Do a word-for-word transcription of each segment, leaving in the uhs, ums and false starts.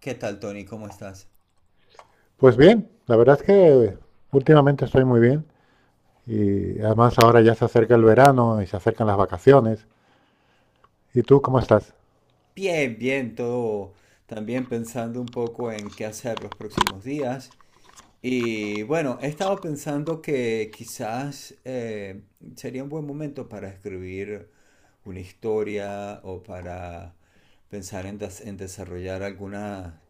¿Qué tal, Tony? ¿Cómo estás? Pues bien, la verdad es que últimamente estoy muy bien y además ahora ya se acerca el verano y se acercan las vacaciones. ¿Y tú cómo estás? Bien, bien, todo también pensando un poco en qué hacer los próximos días. Y bueno, he estado pensando que quizás eh, sería un buen momento para escribir una historia o para pensar en, des- en desarrollar alguna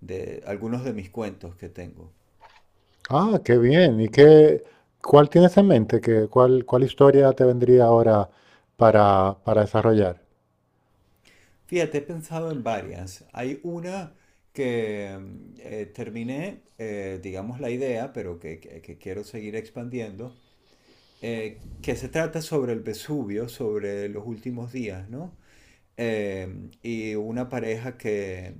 de, algunos de mis cuentos que tengo. Ah, qué bien. ¿Y qué, cuál tienes en mente? ¿Qué, cuál, cuál historia te vendría ahora para, para desarrollar? Fíjate, he pensado en varias. Hay una que mm, eh, terminé, eh, digamos, la idea, pero que, que- que quiero seguir expandiendo, eh, que se trata sobre el Vesubio, sobre los últimos días, ¿no? Eh, y una pareja que,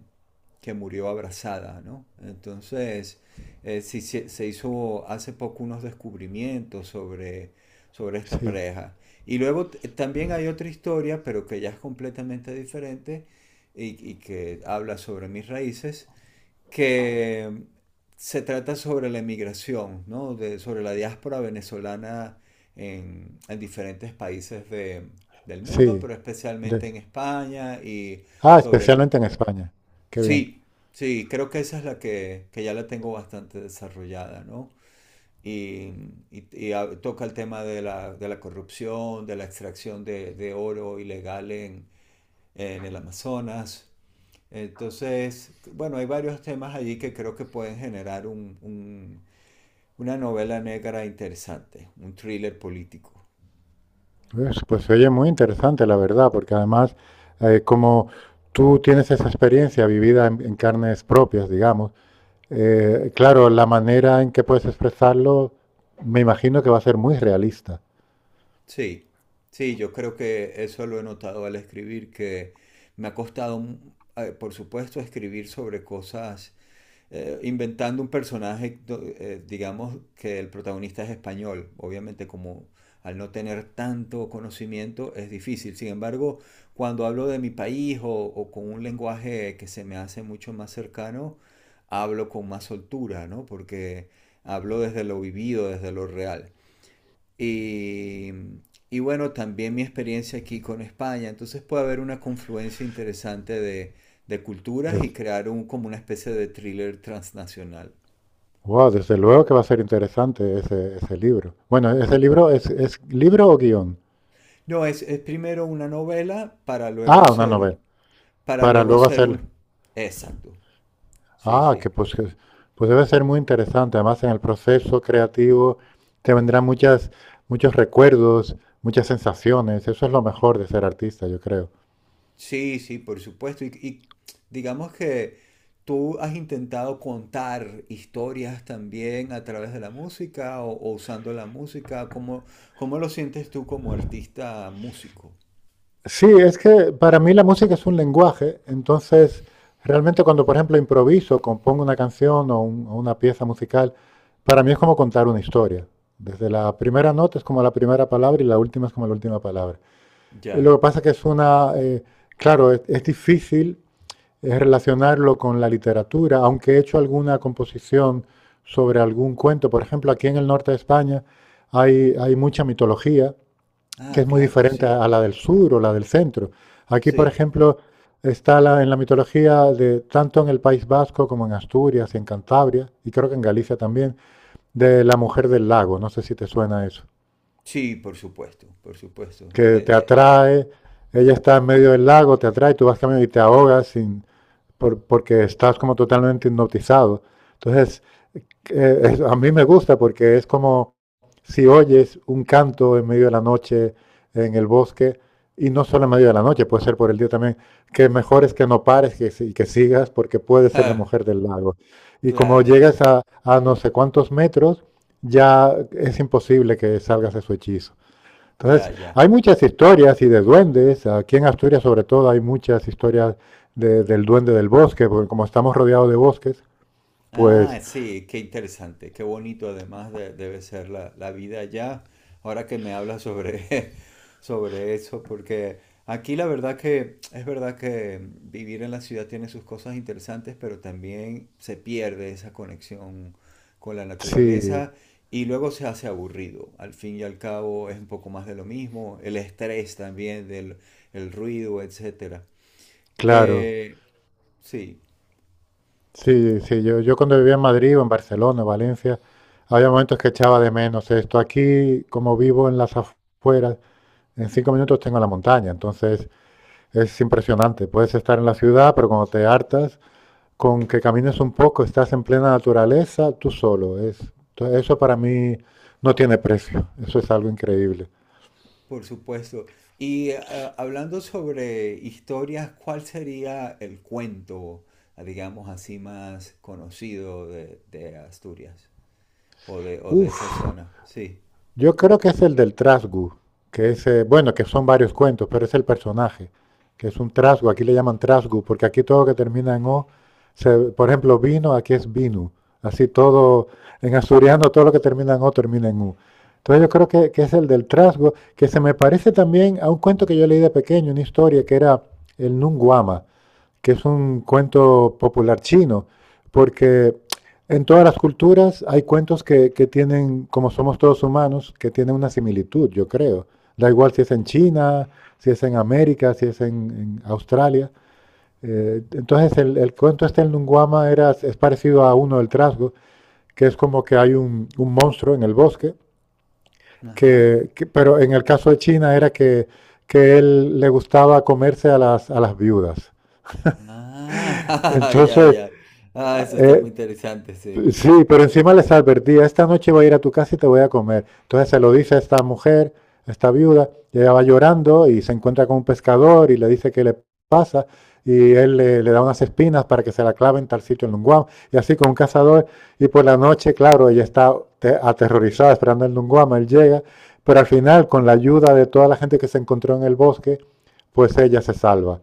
que murió abrazada, ¿no? Entonces, eh, sí, se se hizo hace poco unos descubrimientos sobre, sobre esta Sí, pareja. Y luego t- también hay otra historia, pero que ya es completamente diferente y, y que habla sobre mis raíces, que se trata sobre la emigración, ¿no? De, sobre la diáspora venezolana en, en diferentes países de, del mundo, sí. pero de- especialmente en España y Ah, sobre el... especialmente en España. Qué bien. Sí, sí, creo que esa es la que, que ya la tengo bastante desarrollada, ¿no? Y, y- y a- toca el tema de la, de la corrupción, de la extracción de, de oro ilegal en, en el Amazonas, entonces, bueno, hay varios temas allí que creo que pueden generar un- un- una novela negra interesante, un thriller político. Pues, pues se oye muy interesante, la verdad, porque además, eh, como tú tienes esa experiencia vivida en, en carnes propias, digamos. Eh, claro, la manera en que puedes expresarlo, me imagino que va a ser muy realista. Sí, sí, yo creo que eso lo he notado al escribir, que me ha costado, mm, eh, por supuesto, escribir sobre cosas eh, inventando un personaje, eh, digamos que el protagonista es español, obviamente como al no tener tanto conocimiento es difícil. Sin embargo, cuando hablo de mi país o, o con un lenguaje que se me hace mucho más cercano, hablo con más soltura, ¿no? Porque hablo desde lo vivido, desde lo real. Y, y bueno, también mi experiencia aquí con España. Entonces puede haber una confluencia interesante de, de culturas y Des- crear un, como una especie de thriller transnacional. wow, desde luego que va a ser interesante ese, ese libro. Bueno, ese libro es, es libro o guión. No, es, es primero una novela para luego Ah, una ser, novela. para Para luego luego ser hacer. un... Exacto, sí, Ah, que sí. pues, que- pues debe ser muy interesante. Además, en el proceso creativo te vendrán muchas, muchos recuerdos, muchas sensaciones. Eso es lo mejor de ser artista, yo creo. Sí, sí, por supuesto. Y, y digamos que tú has intentado contar historias también a través de la música o, o usando la música. ¿Cómo, cómo lo sientes tú como artista músico? Sí, es que para mí la música es un lenguaje, entonces realmente cuando por ejemplo improviso, compongo una canción o, un- o una pieza musical, para mí es como contar una historia. Desde la primera nota es como la primera palabra y la última es como la última palabra. Eh, Ya. Lo que pasa que es una, eh, claro, es, es difícil eh, relacionarlo con la literatura, aunque he hecho alguna composición sobre algún cuento. Por ejemplo, aquí en el norte de España hay, hay mucha mitología que Ah, es muy claro, diferente sí. a a la del sur o la del centro. Aquí, por Sí. ejemplo, está la- en la mitología de tanto en el País Vasco como en Asturias y en Cantabria, y creo que en Galicia también, de la mujer del lago. No sé si te suena eso. Sí, por supuesto, por supuesto. Que Eh, te de- atrae, ella está en medio del lago, te atrae, tú vas caminando y te ahogas sin, por- porque estás como totalmente hipnotizado. Entonces, eh, es- a mí me gusta porque es como si oyes un canto en medio de la noche en el bosque, y no solo en medio de la noche, puede ser por el día también, que mejor es que no pares que, si- que sigas porque puede ser la ja, mujer del lago. Y como claro. llegas a, a no sé cuántos metros, ya es imposible que salgas de su hechizo. Ya, Entonces, ya. hay muchas historias y de duendes, aquí en Asturias sobre todo hay muchas historias de- del duende del bosque, porque como estamos rodeados de bosques, Ah, pues sí, qué interesante, qué bonito además de- debe ser la, la vida allá. Ahora que me hablas sobre, sobre eso, porque aquí la verdad que es verdad que vivir en la ciudad tiene sus cosas interesantes, pero también se pierde esa conexión con la sí. naturaleza y luego se hace aburrido. Al fin y al cabo es un poco más de lo mismo, el estrés también del el ruido, etcétera. Claro, Eh, sí. sí, sí, yo, yo cuando vivía en Madrid o en Barcelona, Valencia, había momentos que echaba de menos esto. Aquí, como vivo en las afueras, en cinco minutos tengo la montaña, entonces es impresionante. Puedes estar en la ciudad, pero cuando te hartas, con que camines un poco, estás en plena naturaleza, tú solo. Es, to- eso para mí no tiene precio, eso es algo increíble. Por supuesto. Y ah, hablando sobre historias, ¿cuál sería el cuento, ah, digamos así, más conocido de, de Asturias o de, o de Uf, esa zona? Sí. yo creo que es el del trasgu, que es, eh, bueno, que son varios cuentos, pero es el personaje, que es un trasgu, aquí le llaman trasgu, porque aquí todo que termina en O, se- por ejemplo, vino, aquí es vinu, así todo, en asturiano todo lo que termina en O termina en U. Entonces yo creo que, que es el del Trasgu que se me parece también a un cuento que yo leí de pequeño, una historia que era el Nunguama, que es un cuento popular chino, porque en todas las culturas hay cuentos que, que tienen, como somos todos humanos, que tienen una similitud, yo creo. Da igual si es en China, si es en América, si es en, en Australia. Eh, entonces el, el cuento este en Lunguama era, es parecido a uno del trasgo, que es como que hay un, un monstruo en el bosque, Ajá. que, que- pero en el caso de China era que, que él le gustaba comerse a las, a las viudas. Ah, ya, Entonces, ya. Ah, eso está eh, muy interesante, sí. sí, pero encima les advertía, esta noche voy a ir a tu casa y te voy a comer. Entonces se lo dice a esta mujer, a esta viuda, y ella va llorando y se encuentra con un pescador y le dice qué le pasa y él le, le da unas espinas para que se la clave en tal sitio en Lunguam y así con un cazador y por la noche, claro, ella está te- aterrorizada esperando el Lunguam, él llega, pero al final con la ayuda de toda la gente que se encontró en el bosque, pues ella se salva.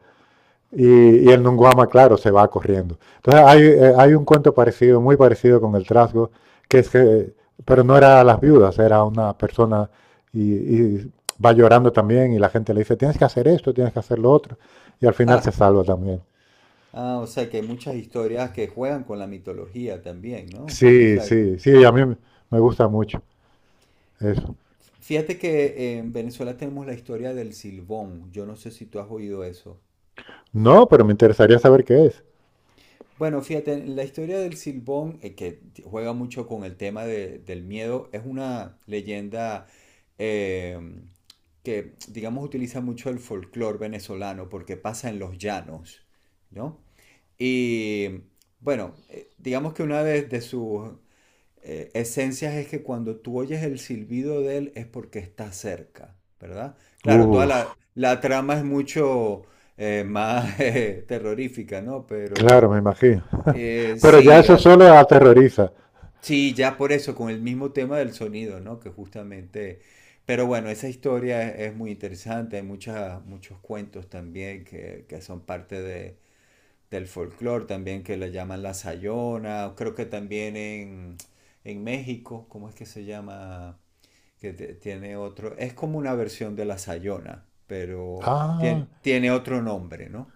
Y, y, el Nunguama, claro, se va corriendo. Entonces hay, eh, hay, un cuento parecido, muy parecido con el trasgo, que es que, pero no era a las viudas, era una persona y, y, va llorando también y la gente le dice, tienes que hacer esto, tienes que hacer lo otro, y al final se Ja. salva también. Ah, o sea que hay muchas historias que juegan con la mitología también, ¿no? O Sí, sea, sí, sí, a mí me me gusta mucho eso. fíjate que en Venezuela tenemos la historia del Silbón. Yo no sé si tú has oído eso. No, pero me interesaría saber qué es. Bueno, fíjate, la historia del Silbón, eh, que t- juega mucho con el tema de- del miedo, es una leyenda eh, que, digamos, utiliza mucho el folclore venezolano porque pasa en los llanos, ¿no? Y bueno, eh, digamos que una de, de sus eh, esencias es que cuando tú oyes el silbido de él es porque está cerca, ¿verdad? Claro, toda la, Uf, la trama es mucho eh, más eh, terrorífica, ¿no? claro, Pero... me imagino. Eh, Pero ya sí, eso ah, solo aterroriza. sí, ya por eso, con el mismo tema del sonido, ¿no? Que justamente... Pero bueno, esa historia es, es muy interesante, hay muchas, muchos cuentos también que, que son parte de, del folclore, también que le llaman la Sayona, creo que también en, en México, ¿cómo es que se llama? Que te- tiene otro, es como una versión de la Sayona, pero Ah, tiene, tiene otro nombre, ¿no?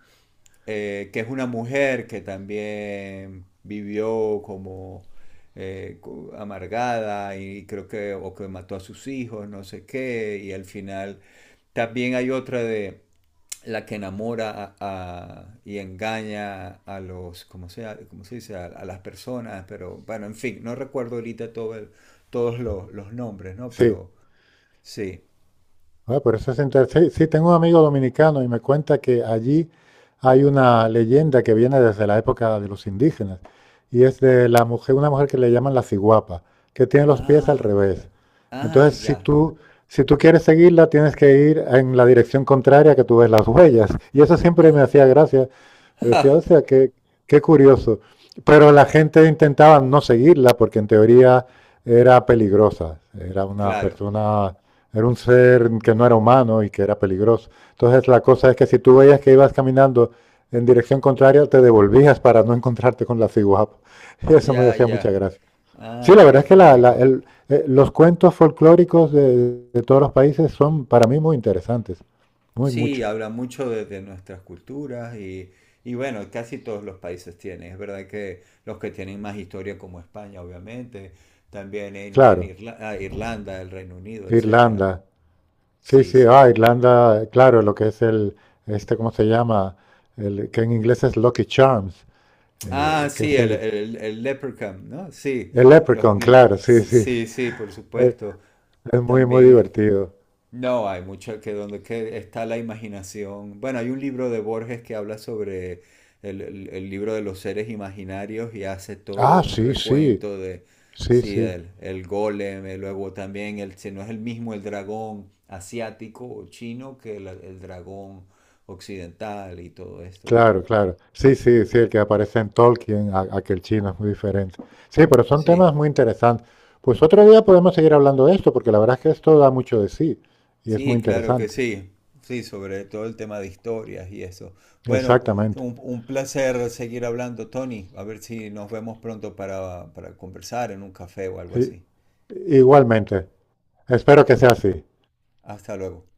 eh, Que es una mujer que también vivió como eh, co- amargada y creo que, o que mató a sus hijos, no sé qué, y al final también hay otra de la que enamora a- a- y engaña a los, ¿cómo se, cómo se dice? A, a las personas, pero bueno, en fin, no recuerdo ahorita todo el- todos los, los nombres, ¿no? sí. Pero sí. Ah, pero eso es interesante. Sí, sí, tengo un amigo dominicano y me cuenta que allí hay una leyenda que viene desde la época de los indígenas y es de la mujer, una mujer que le llaman la ciguapa, que tiene los pies al Ah, revés. claro. Ah, Entonces, si ya. tú, si tú quieres seguirla, tienes que ir en la dirección contraria que tú ves las huellas. Y eso siempre me Ah, hacía gracia. Pero decía, o sea, qué, qué curioso. Pero la gente intentaba no seguirla porque en teoría era peligrosa. Era una claro, persona Era un ser que no era humano y que era peligroso. Entonces la cosa es que si tú veías que ibas caminando en dirección contraria, te devolvías para no encontrarte con la ciguapa. Y eso me ya, hacía mucha ya. gracia. Sí, Ah, la verdad qué es que la- la- cómico. el- eh, los cuentos folclóricos de, de todos los países son para mí muy interesantes. Muy Sí, mucho. habla mucho de, de nuestras culturas y, y bueno, casi todos los países tienen. Es verdad que los que tienen más historia como España, obviamente, también en, en Claro, Irla- ah, Irlanda, el Reino Unido, etcétera, ¿no? Irlanda. Sí, Sí, sí, sí, ah, sí. Irlanda, claro, lo que es el, este, ¿cómo se llama? El, que en inglés es Lucky Charms, Ah, eh, que sí, es el, el, el, el Leprechaun, ¿no? Sí, el los, leprechaun, lo- claro, sí, sí. sí, sí, por Eh, supuesto. Es muy, muy También. divertido. No, hay mucho que donde que está la imaginación. Bueno, hay un libro de Borges que habla sobre el, el- el libro de los seres imaginarios y hace todo Ah, un sí, sí, recuento de, sí, sí, sí. el, el golem, y luego también, el, si no es el mismo el dragón asiático o chino que el, el dragón occidental y todo esto, ¿no? Claro, claro. Sí, sí, sí, el que aparece en Tolkien, a- aquel chino es muy diferente. Sí, pero son Sí. temas muy interesantes. Pues otro día podemos seguir hablando de esto, porque la verdad es que esto da mucho de sí y es muy Sí, claro que interesante. sí. Sí, sobre todo el tema de historias y eso. Bueno, Exactamente. un, un placer seguir hablando, Tony. A ver si nos vemos pronto para, para conversar en un café o algo I- así. Igualmente. Espero que sea así. Hasta luego.